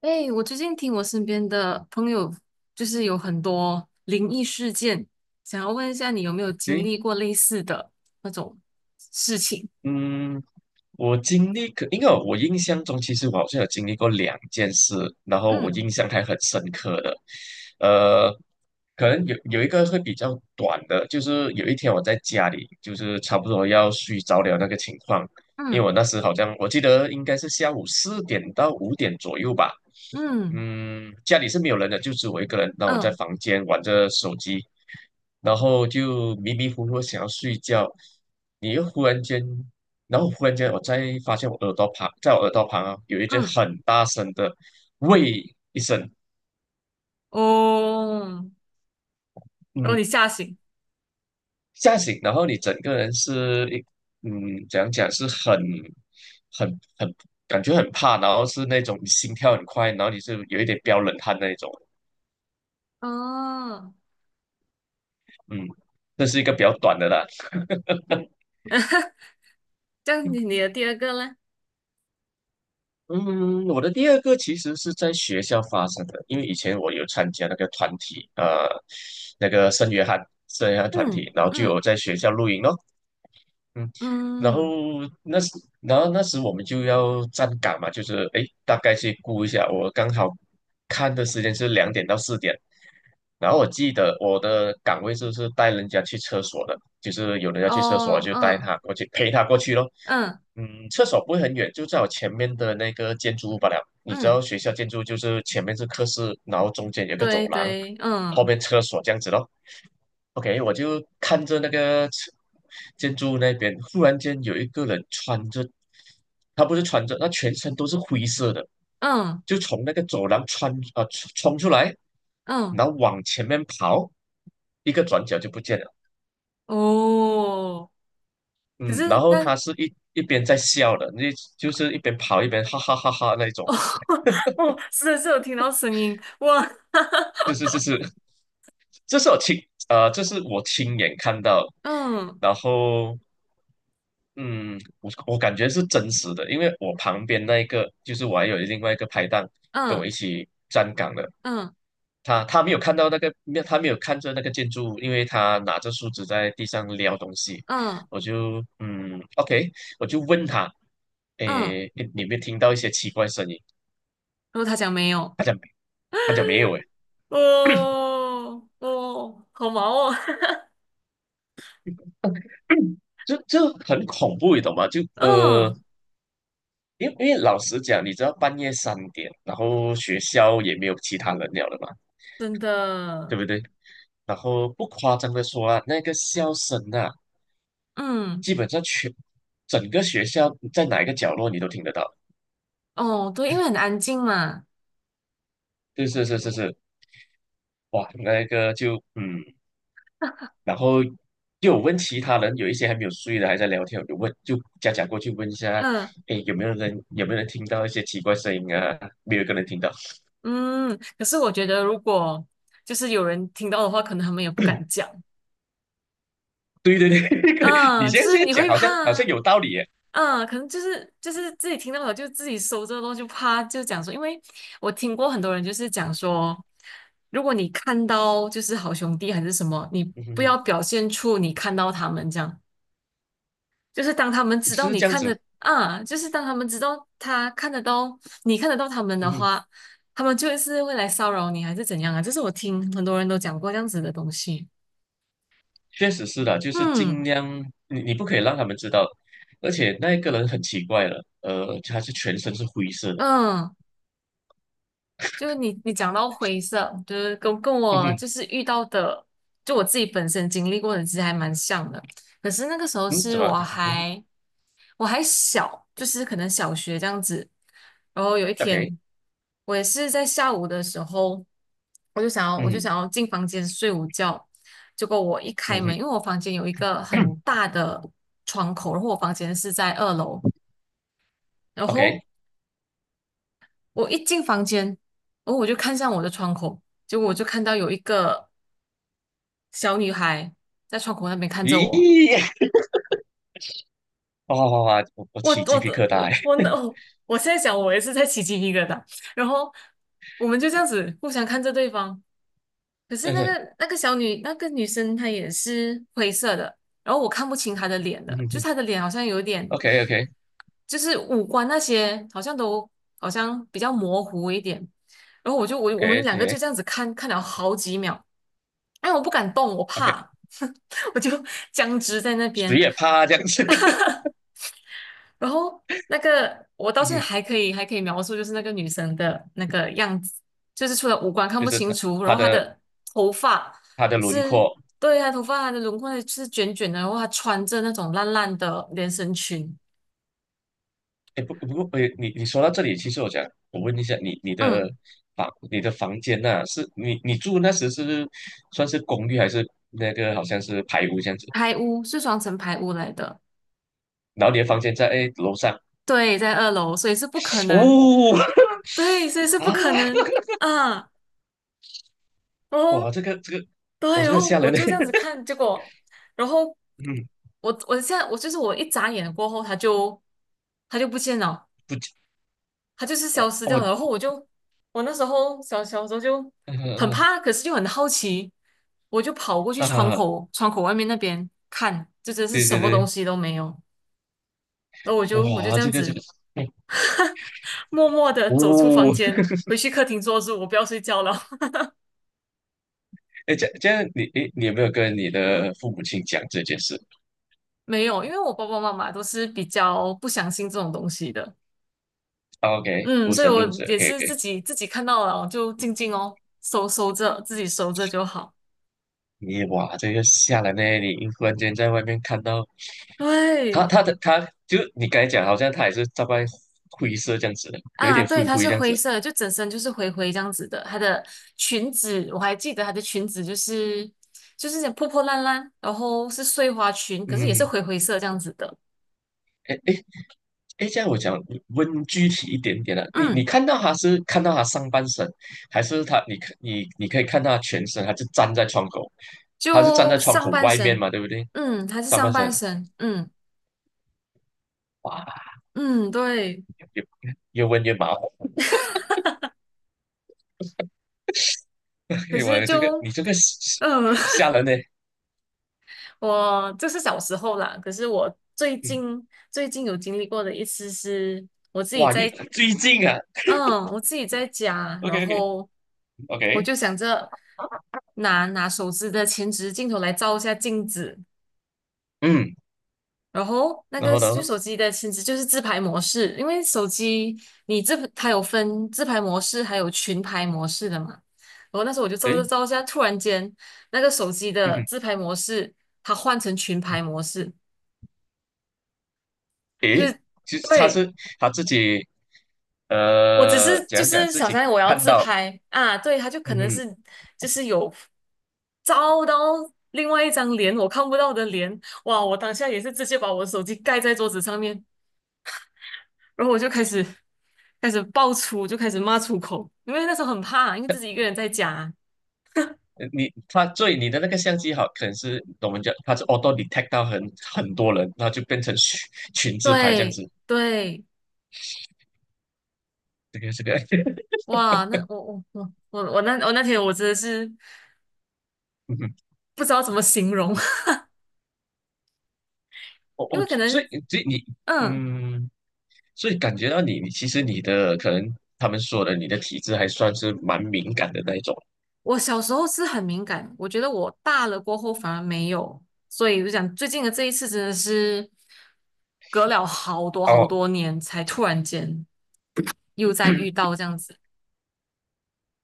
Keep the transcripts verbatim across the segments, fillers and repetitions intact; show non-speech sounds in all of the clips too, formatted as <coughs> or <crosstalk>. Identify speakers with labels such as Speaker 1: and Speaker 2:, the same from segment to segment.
Speaker 1: 哎，我最近听我身边的朋友，就是有很多灵异事件，想要问一下你有没有经
Speaker 2: 行，
Speaker 1: 历过类似的那种事情？
Speaker 2: 嗯，我经历可，因为我印象中，其实我好像有经历过两件事，然后我
Speaker 1: 嗯
Speaker 2: 印象还很深刻的。呃，可能有有一个会比较短的，就是有一天我在家里，就是差不多要睡着了那个情况，因为
Speaker 1: 嗯
Speaker 2: 我那时好像我记得应该是下午四点到五点左右吧。
Speaker 1: 嗯
Speaker 2: 嗯，家里是没有人的，就只有我一个人。那我在
Speaker 1: 嗯
Speaker 2: 房间玩着手机，然后就迷迷糊糊想要睡觉，你又忽然间然后忽然间我再发现我耳朵旁，在我耳朵旁啊有一只
Speaker 1: 嗯，
Speaker 2: 很大声的喂一声，
Speaker 1: 哦，然后
Speaker 2: 嗯，
Speaker 1: 你吓醒，
Speaker 2: 吓醒，然后你整个人是一，嗯，怎样讲是很很很感觉很怕，然后是那种你心跳很快，然后你是有一点飙冷汗那一种，
Speaker 1: 哦，
Speaker 2: 嗯，这是一个比较短的啦。<laughs>
Speaker 1: <laughs> 这样你你的第二个呢？
Speaker 2: 嗯，我的第二个其实是在学校发生的，因为以前我有参加那个团体，呃，那个圣约翰圣约翰团体，
Speaker 1: 嗯
Speaker 2: 然后就有
Speaker 1: 嗯
Speaker 2: 在学校露营咯。嗯，然后
Speaker 1: 嗯，
Speaker 2: 那时，然后那时我们就要站岗嘛，就是哎，诶大概去估一下。我刚好看的时间是两点到四点，然后我记得我的岗位就是带人家去厕所的，就是有人要去厕所，
Speaker 1: 哦
Speaker 2: 就带
Speaker 1: 嗯
Speaker 2: 他过去陪他过去咯。
Speaker 1: 嗯
Speaker 2: 嗯，厕所不会很远，就在我前面的那个建筑物罢了。你知
Speaker 1: 嗯，
Speaker 2: 道学校建筑就是前面是课室，然后中间有个走
Speaker 1: 对
Speaker 2: 廊，
Speaker 1: 对，
Speaker 2: 后
Speaker 1: 嗯
Speaker 2: 面厕所这样子咯。OK，我就看着那个吃建筑物那边，忽然间有一个人穿着，他不是穿着，他全身都是灰色的，
Speaker 1: 嗯
Speaker 2: 就从那个走廊穿啊、冲冲出来，
Speaker 1: 嗯，
Speaker 2: 然后往前面跑，一个转角就不见了。
Speaker 1: 哦，可
Speaker 2: 嗯，
Speaker 1: 是
Speaker 2: 然后他
Speaker 1: 那
Speaker 2: 是一一边在笑的，那就是一边跑一边哈哈哈哈那种。
Speaker 1: 哦 <laughs> 哦，是的是有听到声音，哇，
Speaker 2: 是
Speaker 1: <laughs>
Speaker 2: 是是是，这是我亲呃，这是我亲眼看到，
Speaker 1: 嗯
Speaker 2: 然后嗯，我我感觉是真实的，因为我旁边那一个就是我还有另外一个拍档跟我一
Speaker 1: 嗯
Speaker 2: 起站岗的，
Speaker 1: 嗯
Speaker 2: 他他没有看到那个，没有他没有看着那个建筑物，因为他拿着树枝在地上撩东西，
Speaker 1: 嗯
Speaker 2: 我就嗯，OK，我就问他，
Speaker 1: 嗯，然
Speaker 2: 诶，你有没有听到一些奇怪声音？
Speaker 1: 后他讲没有，
Speaker 2: 他讲没有，诶，
Speaker 1: 哦哦，好忙哦，
Speaker 2: 这这很恐怖，你懂吗？就
Speaker 1: <laughs>
Speaker 2: 呃，
Speaker 1: 嗯，
Speaker 2: 因为因为老实讲，你知道半夜三点，然后学校也没有其他人了的嘛，
Speaker 1: 真的，
Speaker 2: 对不对？然后不夸张的说啊，那个笑声啊，
Speaker 1: 嗯
Speaker 2: 基本上全整个学校在哪一个角落你都听得到。
Speaker 1: 哦，对，因为很安静嘛，
Speaker 2: 是是是是是，哇，那个就嗯，然后又有问其他人，有一些还没有睡的还在聊天，我就问就假假过去问一下，
Speaker 1: 嗯
Speaker 2: 哎，有没有人有没有人听到一些奇怪声音啊？没有一个人听到。
Speaker 1: 嗯，可是我觉得如果就是有人听到的话，可能他们也不敢讲，
Speaker 2: 对对对，<laughs> 你
Speaker 1: 嗯，
Speaker 2: 现
Speaker 1: 就
Speaker 2: 在
Speaker 1: 是
Speaker 2: 现在
Speaker 1: 你
Speaker 2: 讲
Speaker 1: 会
Speaker 2: 好
Speaker 1: 怕
Speaker 2: 像好像
Speaker 1: 啊。
Speaker 2: 有道理耶。
Speaker 1: 嗯，可能就是就是自己听到了，就自己搜这个东西，啪就讲说，因为我听过很多人就是讲说，如果你看到就是好兄弟还是什么，你
Speaker 2: 嗯哼
Speaker 1: 不
Speaker 2: 哼
Speaker 1: 要表现出你看到他们这样，就是当他们知道
Speaker 2: 是
Speaker 1: 你
Speaker 2: 这样
Speaker 1: 看
Speaker 2: 子，
Speaker 1: 的啊，就是当他们知道他看得到你看得到他们的
Speaker 2: 嗯哼，
Speaker 1: 话，他们就是会来骚扰你还是怎样啊？这是我听很多人都讲过这样子的东西。
Speaker 2: 确实是的，就是尽
Speaker 1: 嗯
Speaker 2: 量你你不可以让他们知道，而且那个人很奇怪了，呃，他是全身是灰色的，
Speaker 1: 嗯，就是你你讲到灰色，就是跟跟
Speaker 2: 嗯
Speaker 1: 我
Speaker 2: 哼，
Speaker 1: 就是遇到的，就我自己本身经历过的，其实还蛮像的。可是那个时候
Speaker 2: 嗯，怎
Speaker 1: 是
Speaker 2: 么，
Speaker 1: 我
Speaker 2: 嗯哼
Speaker 1: 还我还小，就是可能小学这样子。然后有一
Speaker 2: ，OK，
Speaker 1: 天，我也是在下午的时候，我就想要我就
Speaker 2: 嗯
Speaker 1: 想要进房间睡午觉。结果我一开
Speaker 2: 嗯
Speaker 1: 门，
Speaker 2: 哼
Speaker 1: 因为我房间有一个很
Speaker 2: <coughs>
Speaker 1: 大的窗口，然后我房间是在二楼，然
Speaker 2: ，OK，
Speaker 1: 后我一进房间，然后我就看向我的窗口，结果我就看到有一个小女孩在窗口那边看着我。
Speaker 2: 咦，哇哇哇，哇我我
Speaker 1: 我
Speaker 2: 起鸡
Speaker 1: 我
Speaker 2: 皮
Speaker 1: 的
Speaker 2: 疙瘩
Speaker 1: 我我
Speaker 2: 欸
Speaker 1: 那我我现在想，我也是在起鸡一个的，然后我们就这样子互相看着对方。可
Speaker 2: <laughs>，
Speaker 1: 是
Speaker 2: 嗯
Speaker 1: 那
Speaker 2: 哼
Speaker 1: 个那个小女那个女生她也是灰色的，然后我看不清她的脸了，
Speaker 2: 嗯
Speaker 1: 就
Speaker 2: 哼
Speaker 1: 是她的脸好像有
Speaker 2: o
Speaker 1: 点
Speaker 2: k OK OK
Speaker 1: 就是五官那些好像都好像比较模糊一点。然后我就我
Speaker 2: OK
Speaker 1: 我们两个就这样子看看了好几秒，哎，我不敢动，我
Speaker 2: OK，
Speaker 1: 怕，<laughs> 我就僵直在那
Speaker 2: 谁
Speaker 1: 边。
Speaker 2: 也怕这样子，<laughs>
Speaker 1: 然后那个我到
Speaker 2: 嗯
Speaker 1: 现在
Speaker 2: 哼，
Speaker 1: 还可以还可以描述，就是那个女生的那个样子，就是除了五官看
Speaker 2: 就
Speaker 1: 不
Speaker 2: 是
Speaker 1: 清
Speaker 2: 他
Speaker 1: 楚，然
Speaker 2: 他
Speaker 1: 后她
Speaker 2: 的
Speaker 1: 的头发
Speaker 2: 他的轮
Speaker 1: 是。
Speaker 2: 廓。
Speaker 1: 对，她头发，她的轮廓是卷卷的，然后她穿着那种烂烂的连身裙。
Speaker 2: 哎，不不过，哎，你你说到这里，其实我想我问一下，你你
Speaker 1: 嗯，
Speaker 2: 的房你的房间呐、是你你住那时是算是公寓还是那个好像是排屋这样子？
Speaker 1: 排污是双层排污来的，
Speaker 2: 然后你的房间在哎楼上，
Speaker 1: 对，在二楼，所以是不可能，
Speaker 2: 哦
Speaker 1: 对，所以是不
Speaker 2: 啊，
Speaker 1: 可能啊。然
Speaker 2: 哇，
Speaker 1: 后，
Speaker 2: 这个这个，我
Speaker 1: 对，
Speaker 2: 这
Speaker 1: 然
Speaker 2: 个
Speaker 1: 后
Speaker 2: 吓
Speaker 1: 我
Speaker 2: 人的，
Speaker 1: 就这样子
Speaker 2: <laughs>
Speaker 1: 看，结果，然后
Speaker 2: 嗯，
Speaker 1: 我我现在我就是我一眨眼过后，他就他就不见了，
Speaker 2: 不，
Speaker 1: 他就是消
Speaker 2: 我
Speaker 1: 失掉了。
Speaker 2: 我
Speaker 1: 然后我就我那时候小小时候就
Speaker 2: 嗯
Speaker 1: 很
Speaker 2: 嗯
Speaker 1: 怕，可是又很好奇，我就跑过去
Speaker 2: 嗯
Speaker 1: 窗
Speaker 2: 啊，
Speaker 1: 口窗口外面那边看，就真是
Speaker 2: 对
Speaker 1: 什
Speaker 2: 对
Speaker 1: 么东
Speaker 2: 对，
Speaker 1: 西都没有。然后我就我就
Speaker 2: 哇，
Speaker 1: 这
Speaker 2: 这
Speaker 1: 样
Speaker 2: 个这
Speaker 1: 子
Speaker 2: 个，嗯
Speaker 1: 默默的走出房
Speaker 2: 哦，
Speaker 1: 间，回去客厅坐着，我不要睡觉了。
Speaker 2: <laughs> 哎，这样这样你哎，你你有没有跟你的父母亲讲这件事
Speaker 1: 没有，因为我爸爸妈妈都是比较不相信这种东西的，
Speaker 2: ？OK，
Speaker 1: 嗯，
Speaker 2: 无
Speaker 1: 所以
Speaker 2: 神
Speaker 1: 我
Speaker 2: 论者
Speaker 1: 也
Speaker 2: ，OK，
Speaker 1: 是自己自己看到了就静静哦，收收着，自己收着就好。
Speaker 2: 你哇，这个吓人呢！你一忽然间在外面看到他，
Speaker 1: 对
Speaker 2: 他的他，就你刚才讲，好像他也是大概灰色这样子的，有一
Speaker 1: 啊，
Speaker 2: 点
Speaker 1: 对，
Speaker 2: 灰
Speaker 1: 它
Speaker 2: 灰
Speaker 1: 是
Speaker 2: 这样
Speaker 1: 灰
Speaker 2: 子。
Speaker 1: 色的就整身就是灰灰这样子的。它的裙子我还记得，它的裙子就是就是破破烂烂，然后是碎花裙，可是也是
Speaker 2: 嗯，
Speaker 1: 灰灰色这样子的。
Speaker 2: 哎哎哎，这样我讲问具体一点点了、你你
Speaker 1: 嗯，
Speaker 2: 看到他是看到他上半身，还是他你看你你可以看到他全身，他是站在窗口，他是站在
Speaker 1: 就
Speaker 2: 窗口
Speaker 1: 上半
Speaker 2: 外面
Speaker 1: 身，
Speaker 2: 嘛，对不对？
Speaker 1: 嗯，它是
Speaker 2: 上
Speaker 1: 上
Speaker 2: 半身，
Speaker 1: 半身，嗯
Speaker 2: 哇，
Speaker 1: 嗯，对。
Speaker 2: 越越问越麻烦。
Speaker 1: 可
Speaker 2: <laughs>
Speaker 1: 是
Speaker 2: 我这个
Speaker 1: 就，
Speaker 2: 你这个吓
Speaker 1: 嗯，<laughs>
Speaker 2: 吓人呢！
Speaker 1: 我这是小时候啦，可是我最
Speaker 2: 嗯，
Speaker 1: 近最近有经历过的一次是，我自己
Speaker 2: 哇，一
Speaker 1: 在，
Speaker 2: 最近啊
Speaker 1: 嗯，我自己在家，
Speaker 2: ，OK
Speaker 1: 然
Speaker 2: OK。
Speaker 1: 后我
Speaker 2: OK，
Speaker 1: 就想着拿拿手机的前置镜头来照一下镜子，
Speaker 2: 嗯，
Speaker 1: 然后那
Speaker 2: 然
Speaker 1: 个
Speaker 2: 后然
Speaker 1: 就
Speaker 2: 后
Speaker 1: 手机的前置就是自拍模式，因为手机你这它有分自拍模式还有群拍模式的嘛，然后那时候我就照照
Speaker 2: 对，
Speaker 1: 照一下，突然间那个手机
Speaker 2: 嗯
Speaker 1: 的
Speaker 2: 哼，
Speaker 1: 自拍模式它换成群拍模式。就
Speaker 2: 诶，
Speaker 1: 是
Speaker 2: 其实他
Speaker 1: 对
Speaker 2: 是他自己，
Speaker 1: 我只
Speaker 2: 呃，
Speaker 1: 是就
Speaker 2: 讲讲
Speaker 1: 是
Speaker 2: 自
Speaker 1: 小
Speaker 2: 己
Speaker 1: 三我要
Speaker 2: 看
Speaker 1: 自
Speaker 2: 到，
Speaker 1: 拍啊，对，他就可
Speaker 2: 嗯
Speaker 1: 能
Speaker 2: 哼，
Speaker 1: 是就是有照到另外一张脸我看不到的脸，哇，我当下也是直接把我的手机盖在桌子上面，然后我就开始开始爆粗，就开始骂出口，因为那时候很怕，因为自己一个人在家，
Speaker 2: 呃你他所以你的那个相机好，可能是我们讲他是 auto detect 到很很多人，然后就变成群群自拍这样
Speaker 1: 对
Speaker 2: 子，
Speaker 1: 对，
Speaker 2: 这个这个，<laughs>
Speaker 1: 哇，那我我我我我那我那天我真的是
Speaker 2: 嗯哼，
Speaker 1: 不知道怎么形容，<laughs>
Speaker 2: 我
Speaker 1: 因
Speaker 2: 我
Speaker 1: 为可
Speaker 2: 所以
Speaker 1: 能
Speaker 2: 所以你，
Speaker 1: 嗯。
Speaker 2: 嗯，所以感觉到你你其实你的可能他们说的你的体质还算是蛮敏感的那一种
Speaker 1: 我小时候是很敏感，我觉得我大了过后反而没有，所以我就讲最近的这一次真的是隔了好多好
Speaker 2: 哦。
Speaker 1: 多年才突然间又再遇到这样子。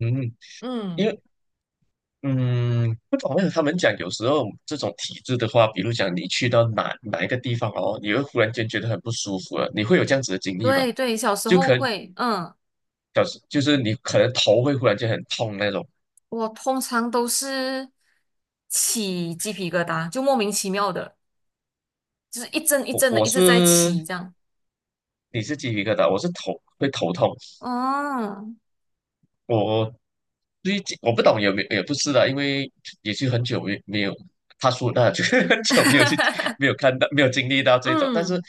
Speaker 2: 嗯，因
Speaker 1: 嗯，
Speaker 2: 为嗯，不懂为什么他们讲有时候这种体质的话，比如讲你去到哪哪一个地方哦，你会忽然间觉得很不舒服了，你会有这样子的经历吗？
Speaker 1: 对对，小时
Speaker 2: 就
Speaker 1: 候
Speaker 2: 可能
Speaker 1: 会，嗯，
Speaker 2: 表示就是你可能头会忽然间很痛那种。
Speaker 1: 我通常都是起鸡皮疙瘩，就莫名其妙的，就是一阵一
Speaker 2: 我
Speaker 1: 阵的
Speaker 2: 我
Speaker 1: 一直在
Speaker 2: 是
Speaker 1: 起这样。
Speaker 2: 你是鸡皮疙瘩，我是头会头痛。
Speaker 1: 哦，
Speaker 2: 我最近我不懂有没有，也不是的，因为也是很久没没有他说那，就是很久没有去
Speaker 1: <laughs>
Speaker 2: 没有看到没有经历到这种，但是
Speaker 1: 嗯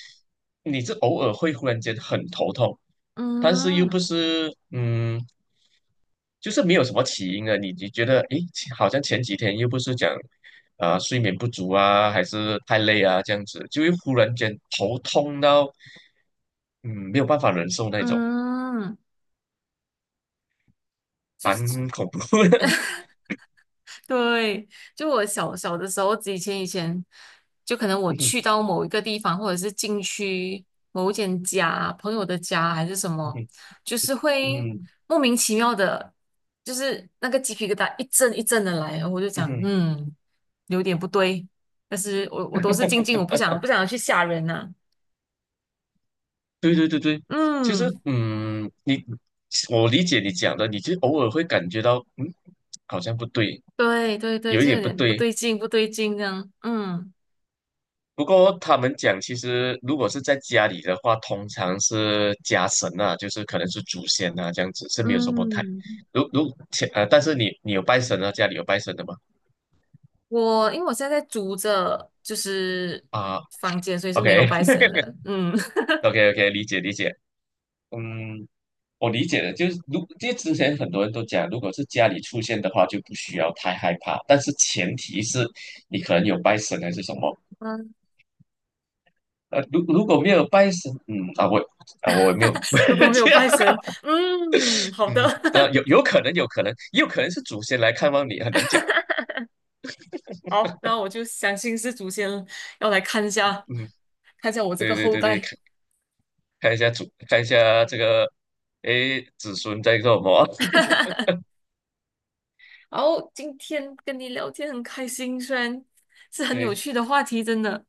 Speaker 2: 你是偶尔会忽然间很头痛，但是又不
Speaker 1: 嗯
Speaker 2: 是嗯，就是没有什么起因的，你你觉得诶，好像前几天又不是讲啊、呃睡眠不足啊，还是太累啊这样子，就会忽然间头痛到嗯没有办法忍受那种，
Speaker 1: 嗯，就是。
Speaker 2: 蛮恐怖的。
Speaker 1: 对，就我小小的时候，以前以前，就可能我去
Speaker 2: <laughs> 嗯
Speaker 1: 到某一个地方，或者是进去某一间家、朋友的家还是什么，
Speaker 2: 嗯
Speaker 1: 就是会
Speaker 2: 嗯
Speaker 1: 莫名其妙的，就是那个鸡皮疙瘩一阵一阵的来，我就
Speaker 2: 嗯
Speaker 1: 讲，
Speaker 2: 嗯
Speaker 1: 嗯，有点不对，但是我我都是静静，我不想不想要去吓人呐、
Speaker 2: 对对对对，其实
Speaker 1: 嗯，
Speaker 2: 嗯，你我理解你讲的，你就偶尔会感觉到，嗯，好像不对，
Speaker 1: 对对对，
Speaker 2: 有一
Speaker 1: 就
Speaker 2: 点
Speaker 1: 有
Speaker 2: 不
Speaker 1: 点不
Speaker 2: 对。
Speaker 1: 对劲，不对劲这样，嗯
Speaker 2: 不过他们讲，其实如果是在家里的话，通常是家神啊，就是可能是祖先啊，这样子是没有什么太。
Speaker 1: 嗯。
Speaker 2: 如如前呃，但是你你有拜神啊，家里有拜神的吗？
Speaker 1: 我因为我现在在租着就是
Speaker 2: 啊
Speaker 1: 房间，所以是没有
Speaker 2: ，OK
Speaker 1: 拜神的。嗯 <laughs>
Speaker 2: <laughs> OK OK，理解理解。嗯，我理解的，就是如因为之前很多人都讲，如果是家里出现的话，就不需要太害怕，但是前提是你可能有拜神还是什么。
Speaker 1: 嗯，
Speaker 2: 呃，如如果没有拜神，嗯啊，我啊我没有
Speaker 1: 如果
Speaker 2: <laughs>
Speaker 1: 没有
Speaker 2: 这样，
Speaker 1: 拜神，嗯，
Speaker 2: <laughs>
Speaker 1: 好的，
Speaker 2: 嗯呃，有有可能有可能，也有可能是祖先来看望你，很难讲。
Speaker 1: <laughs> 好，那我就相信是祖先要来看一下，
Speaker 2: 嗯，
Speaker 1: 看一下我这
Speaker 2: 对
Speaker 1: 个
Speaker 2: 对
Speaker 1: 后
Speaker 2: 对对，
Speaker 1: 代。
Speaker 2: 看看一下祖，看一下这个，诶，子孙在做什么？
Speaker 1: 然后今天跟你聊天很开心，虽然是
Speaker 2: <laughs>
Speaker 1: 很有
Speaker 2: 对
Speaker 1: 趣的话题，真的。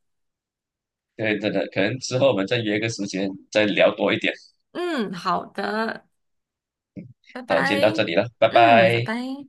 Speaker 2: 对，真的，可能之后我们再约个时间再聊多一点。
Speaker 1: 嗯，好的，拜
Speaker 2: 好，今天
Speaker 1: 拜。
Speaker 2: 到这里了，拜
Speaker 1: 嗯，拜
Speaker 2: 拜。
Speaker 1: 拜。